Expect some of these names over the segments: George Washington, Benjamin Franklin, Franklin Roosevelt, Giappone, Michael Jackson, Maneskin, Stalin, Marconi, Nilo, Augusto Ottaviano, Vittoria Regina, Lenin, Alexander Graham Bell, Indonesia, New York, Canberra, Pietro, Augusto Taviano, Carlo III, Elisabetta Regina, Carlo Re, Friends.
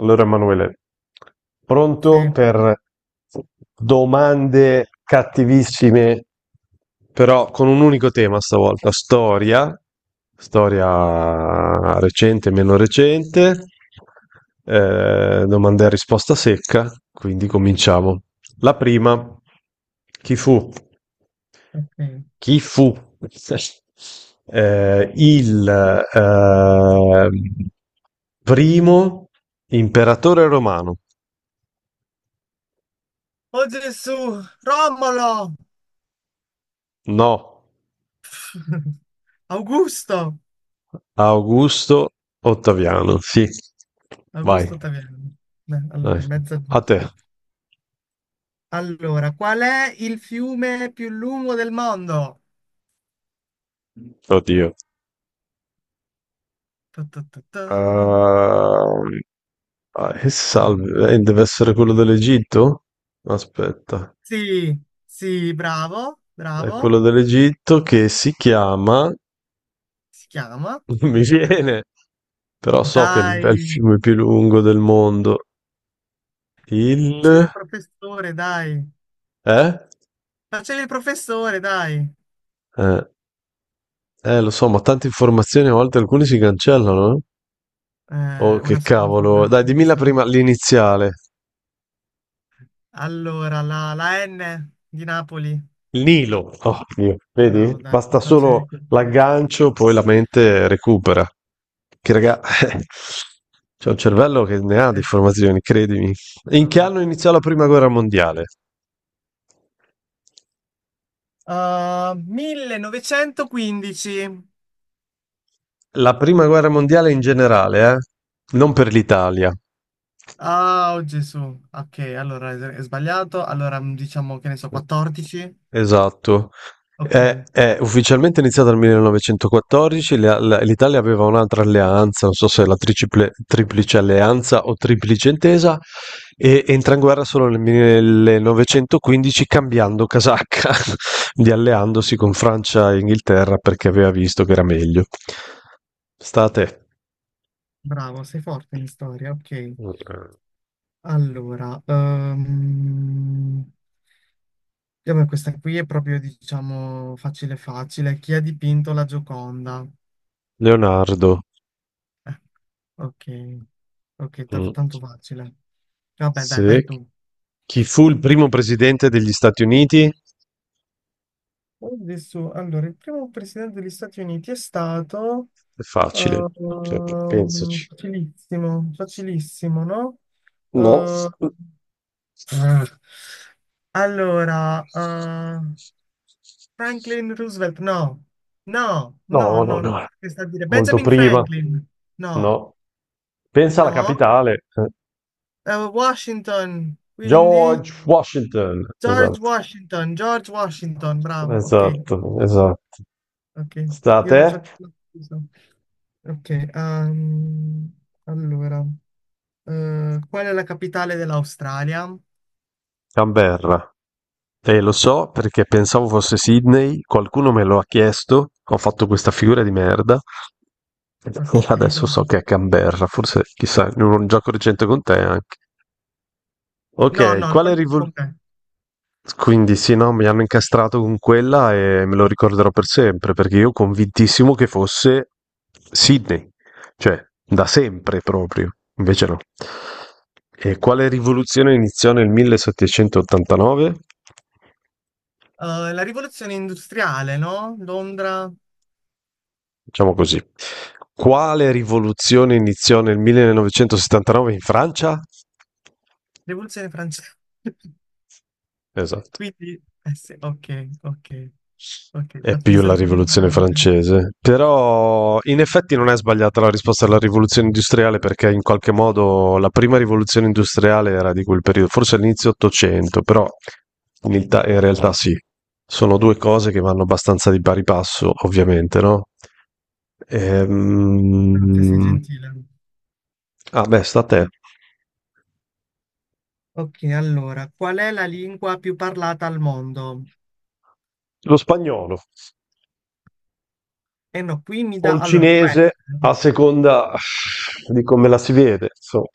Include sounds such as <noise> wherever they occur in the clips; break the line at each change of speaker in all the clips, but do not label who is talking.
Allora, Emanuele,
Sì,
pronto per domande cattivissime, però con un unico tema stavolta, storia, storia recente, meno recente, domande a risposta secca, quindi cominciamo. La prima, chi fu?
ok.
Chi fu <laughs> il eh, primo imperatore romano,
Oh Gesù, Romolo!
no,
<laughs> Augusto!
Augusto Ottaviano, sì. Vai,
Augusto Taviano. Beh,
dai.
allora, mezzo
A te.
giusto. Allora, qual è il fiume più lungo del mondo?
Oddio.
Tu, tu, tu, tu.
Ehm, ah, che salve, deve essere quello dell'Egitto? Aspetta,
Sì, sì, bravo,
è
bravo.
quello dell'Egitto che si chiama, <laughs>
Si chiama.
non mi viene, però so che è
Dai,
il fiume più lungo del mondo, il...
facevi il professore, dai.
Eh?
Facevi il professore, dai.
Eh, Eh, lo so, ma tante informazioni a volte alcune si cancellano, eh? Oh, che
Una scusa,
cavolo.
una
Dai, dimmi la
scusa.
prima, l'iniziale.
Allora, la N di Napoli.
Il Nilo. Oh, Dio. Vedi?
Bravo, dai,
Basta
mi
solo
facevi così.
l'aggancio, poi la mente recupera. Che raga, <laughs> c'è un cervello che ne ha di
Eh,
informazioni, credimi. In che
vabbè.
anno iniziò la prima guerra mondiale?
Ah, 1915.
La prima guerra mondiale in generale, eh? Non per l'Italia.
Ah, oh, Gesù. Ok, allora è sbagliato. Allora diciamo che ne so, 14.
Esatto.
Ok,
È ufficialmente iniziata nel 1914, l'Italia aveva un'altra alleanza, non so se la triplice alleanza o triplice intesa, e entra in guerra solo nel 1915 cambiando casacca, <laughs> di alleandosi con Francia e Inghilterra perché aveva visto che era meglio. State.
bravo, sei forte in storia. Ok, allora vabbè, questa qui è proprio, diciamo, facile, facile. Chi ha dipinto la Gioconda?
Leonardo,
Eh, ok, ok,
mm,
tanto facile. Vabbè, dai, vai
se-
tu.
chi fu il primo presidente degli Stati Uniti?
Adesso, allora, il primo presidente degli Stati Uniti è stato
È facile, cioè, pensaci.
facilissimo, facilissimo, no?
No.
Eh, ah, allora, Franklin Roosevelt, no, no, no,
No, no,
no, no,
no.
che sta a dire
Molto
Benjamin
prima.
Franklin, no,
No. Pensa alla
no.
capitale. Eh.
Washington, quindi
George Washington.
George
Esatto.
Washington, George Washington, bravo, ok,
Esatto, esatto.
ok,
Sta a
io
te?
non so. Ok, allora, qual è la capitale dell'Australia?
Canberra. Lo so perché pensavo fosse Sydney, qualcuno me lo ha chiesto, ho fatto questa figura di merda.
Ok,
<laughs> Adesso so
no,
che è Canberra, forse chissà, in un gioco recente con te anche.
no,
Ok,
no, non
quale
c'è
rivoluzione?
con me.
Quindi sì, no, mi hanno incastrato con quella e me lo ricorderò per sempre, perché io convintissimo che fosse Sydney, cioè da sempre proprio, invece no. E quale rivoluzione iniziò nel 1789?
La rivoluzione industriale, no? Londra,
Diciamo così. Quale rivoluzione iniziò nel 1979 in Francia?
rivoluzione francese. <laughs>
Esatto.
Quindi, eh sì, ok, ok, ok,
È
mi
più la
sento un
rivoluzione
ignorante.
francese, però in effetti non è sbagliata la risposta alla rivoluzione industriale perché in qualche modo la prima rivoluzione industriale era di quel periodo, forse all'inizio 800, però in realtà sì, sono due cose che vanno abbastanza di pari passo, ovviamente, no?
Grazie, sei
Ehm...
gentile.
Ah beh, sta a te.
Ok, allora, qual è la lingua più parlata al mondo?
Lo spagnolo
Eh no, qui mi
o
dà.
il
Allora, può
cinese a
essere.
seconda di come la si vede, insomma.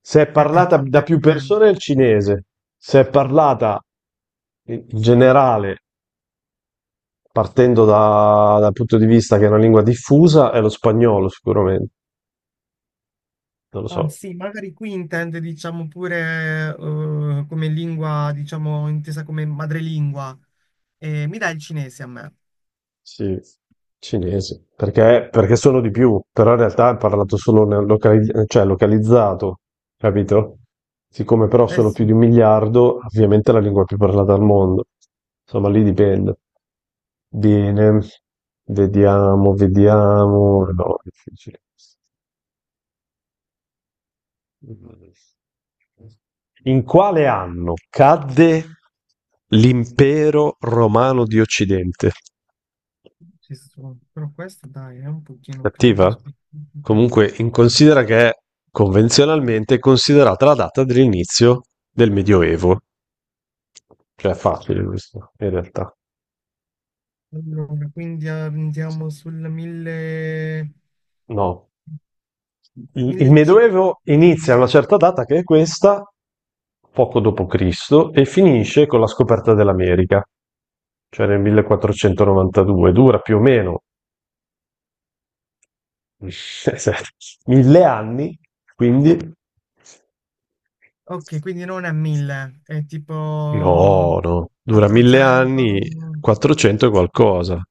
Se è parlata da
Forse
più
dipende.
persone è il cinese, se è parlata in generale, partendo dal punto di vista che è una lingua diffusa, è lo spagnolo sicuramente, non lo so.
Ah, sì, magari qui intende, diciamo, pure come lingua, diciamo, intesa come madrelingua. Mi dai il cinese a me?
Sì, cinese, perché sono di più, però in realtà è parlato solo nel cioè localizzato, capito? Siccome però
Eh
sono più
sì,
di un miliardo, ovviamente è la lingua più parlata al mondo. Insomma, lì dipende. Bene, vediamo, vediamo. No, è difficile. In quale anno cadde l'impero romano di Occidente?
sì, sì, però questo dai, è un pochino più proprio
Cattiva?
specifica.
Comunque, in considera che è convenzionalmente considerata la data dell'inizio del Medioevo. Cioè, è facile questo, in realtà.
Allora, quindi andiamo sul 1000.
No. Il
1000.
Medioevo inizia a una certa data che è questa, poco dopo Cristo, e finisce con la scoperta dell'America, cioè nel 1492. Dura più o meno <laughs> mille anni, quindi.
Ok, quindi non è 1000, è tipo
No, no, dura mille
400.
anni, 400 e qualcosa.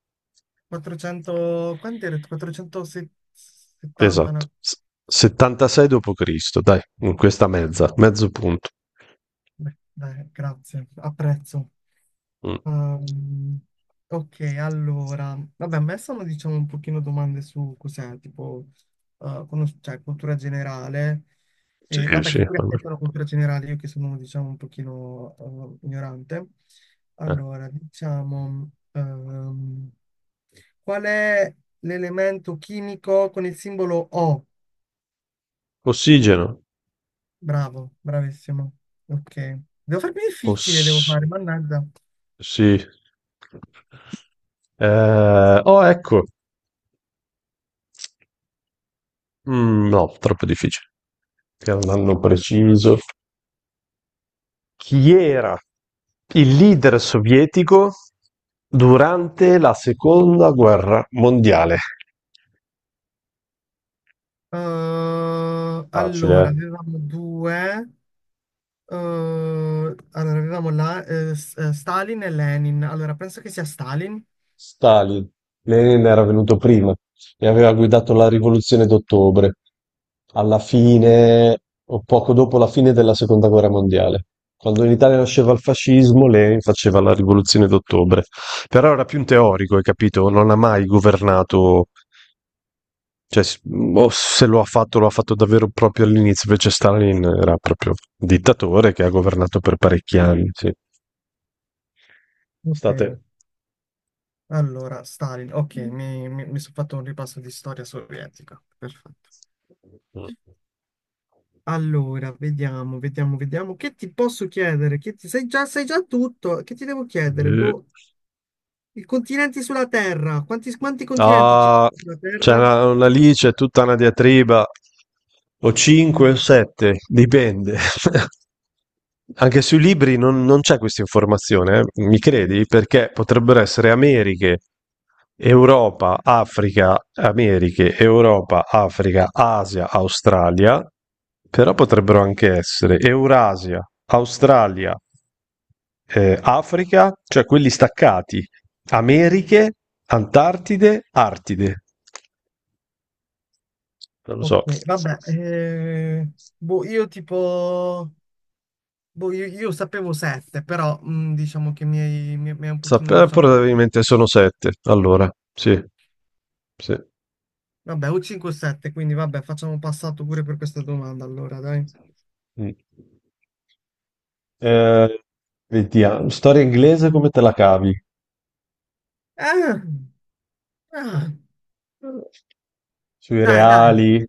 400. Quanto era? 470,
Esatto.
no?
76 dopo Cristo, dai, in questa mezzo punto.
Beh, dai, grazie, apprezzo.
Mm.
Ehm, ok, allora, vabbè, a me sono diciamo un pochino domande su cos'è, tipo, cioè, cultura generale,
Sì,
e, vabbè,
sì.
che pure
Vabbè.
affettano cultura generale, io che sono diciamo un pochino ignorante.
Eh.
Allora, diciamo, qual è l'elemento chimico con il simbolo O?
Ossigeno.
Bravo, bravissimo. Ok. Devo farmi difficile, devo
Oss-
fare, mannaggia.
sì. Oh, ecco. Mm, no, troppo difficile. Era un anno preciso. Chi era il leader sovietico durante la seconda guerra mondiale? Facile,
Allora,
eh?
avevamo due. eh, allora, avevamo Stalin e Lenin. Allora, penso che sia Stalin.
Stalin. Lenin era venuto prima e aveva guidato la rivoluzione d'ottobre, alla fine o poco dopo la fine della seconda guerra mondiale. Quando in Italia nasceva il fascismo, Lenin faceva la rivoluzione d'ottobre. Però era più un teorico, hai capito? Non ha mai governato. Cioè, o se lo ha fatto, lo ha fatto davvero proprio all'inizio, invece Stalin era proprio un dittatore che ha governato per parecchi anni, sì.
Ok,
State...
allora, Stalin. Ok, mi sono fatto un ripasso di storia sovietica. Perfetto. Allora, vediamo, vediamo, vediamo. Che ti posso chiedere? Che ti, sai già tutto. Che ti devo chiedere?
Eh.
Boh, i continenti sulla Terra. Quanti continenti ci
Ah,
sono sulla
c'è
Terra?
una lì, c'è tutta una diatriba. O 5 o 7, dipende. <laughs> Anche sui libri non c'è questa informazione. Mi credi? Perché potrebbero essere Americhe, Europa, Africa, Americhe, Europa, Africa, Asia, Australia, però potrebbero anche essere Eurasia, Australia. Africa, cioè quelli staccati, Americhe, Antartide, Artide. Non lo
Ok,
so.
vabbè. Boh, io tipo. Boh, io sapevo 7, però diciamo che mi hai un pochino, diciamo.
Probabilmente sono sette. Allora, sì, sì.
Vabbè, o 5 o 7, quindi vabbè, facciamo passato pure per questa domanda allora, dai.
Mm. Eh, vediamo, storia inglese come te la cavi?
Ah, ah,
Sui
dai, dai,
reali,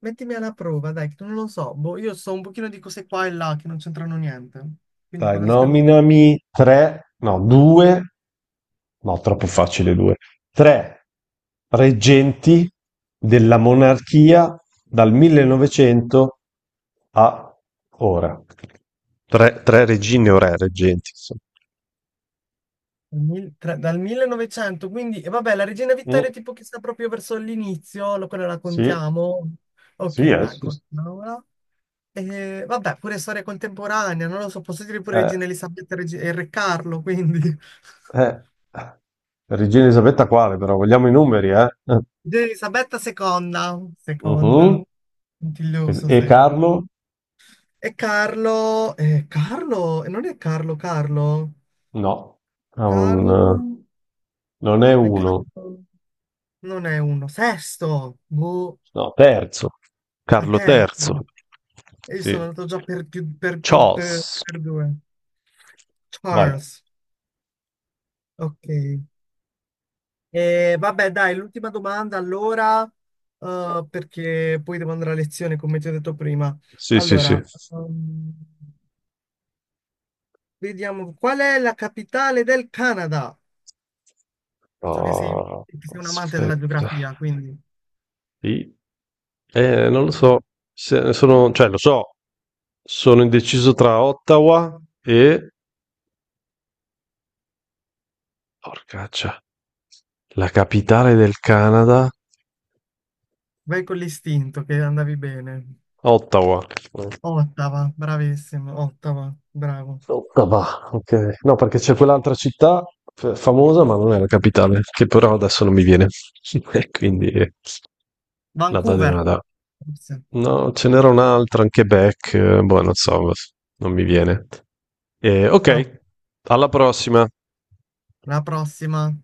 mettimi alla prova, dai, che non lo so. Boh, io so un pochino di cose qua e là che non c'entrano niente. Quindi può
dai,
darsi che lo.
nominami tre, no, due. No, troppo facile due. Tre reggenti della monarchia dal 1900 a ora. Tre, tre regine o re reggenti, insomma.
Dal 1900, quindi. E vabbè, la Regina Vittoria
Mm,
tipo che sta proprio verso l'inizio, quella la
sì,
contiamo.
sì,
Ok, dai,
sì, sì.
continuiamo. E, vabbè, pure storia contemporanea, non lo so, posso dire pure
Eh,
Regina Elisabetta e Re Carlo, quindi <laughs>
eh. Regina Elisabetta quale, però? Vogliamo i numeri, eh?
Regina Elisabetta seconda, seconda,
Mhm. E,
puntiglioso
e
se.
Carlo?
E Carlo, Carlo, non è Carlo, Carlo,
No, ha un,
Carlo,
non è
Re
uno,
Carlo, non è uno, sesto, boh,
no, terzo.
a
Carlo III.
terzo, e io sono
Sì.
andato già per più, per più, per,
Charles,
per due,
vai.
Charles, ok. E vabbè, dai, l'ultima domanda allora, perché poi devo andare a lezione, come ti ho detto prima.
Sì, sì, sì.
Allora, ehm, vediamo, qual è la capitale del Canada? So che sei,
Oh,
che sei un amante della
aspetta.
geografia, quindi
I- non lo so, sono, cioè lo so, sono indeciso tra Ottawa e... Porcaccia, la capitale del Canada,
vai con l'istinto che andavi bene.
Ottawa.
Ottawa, bravissimo, Ottawa, bravo.
Ottawa, ok. No, perché c'è quell'altra città famosa, ma non è la capitale, che però adesso non mi viene. <laughs> E quindi la data è
Vancouver,
una data.
forse.
No, ce n'era un'altra, anche Beck, boh, non so, non mi viene.
No,
Ok, alla prossima.
la prossima.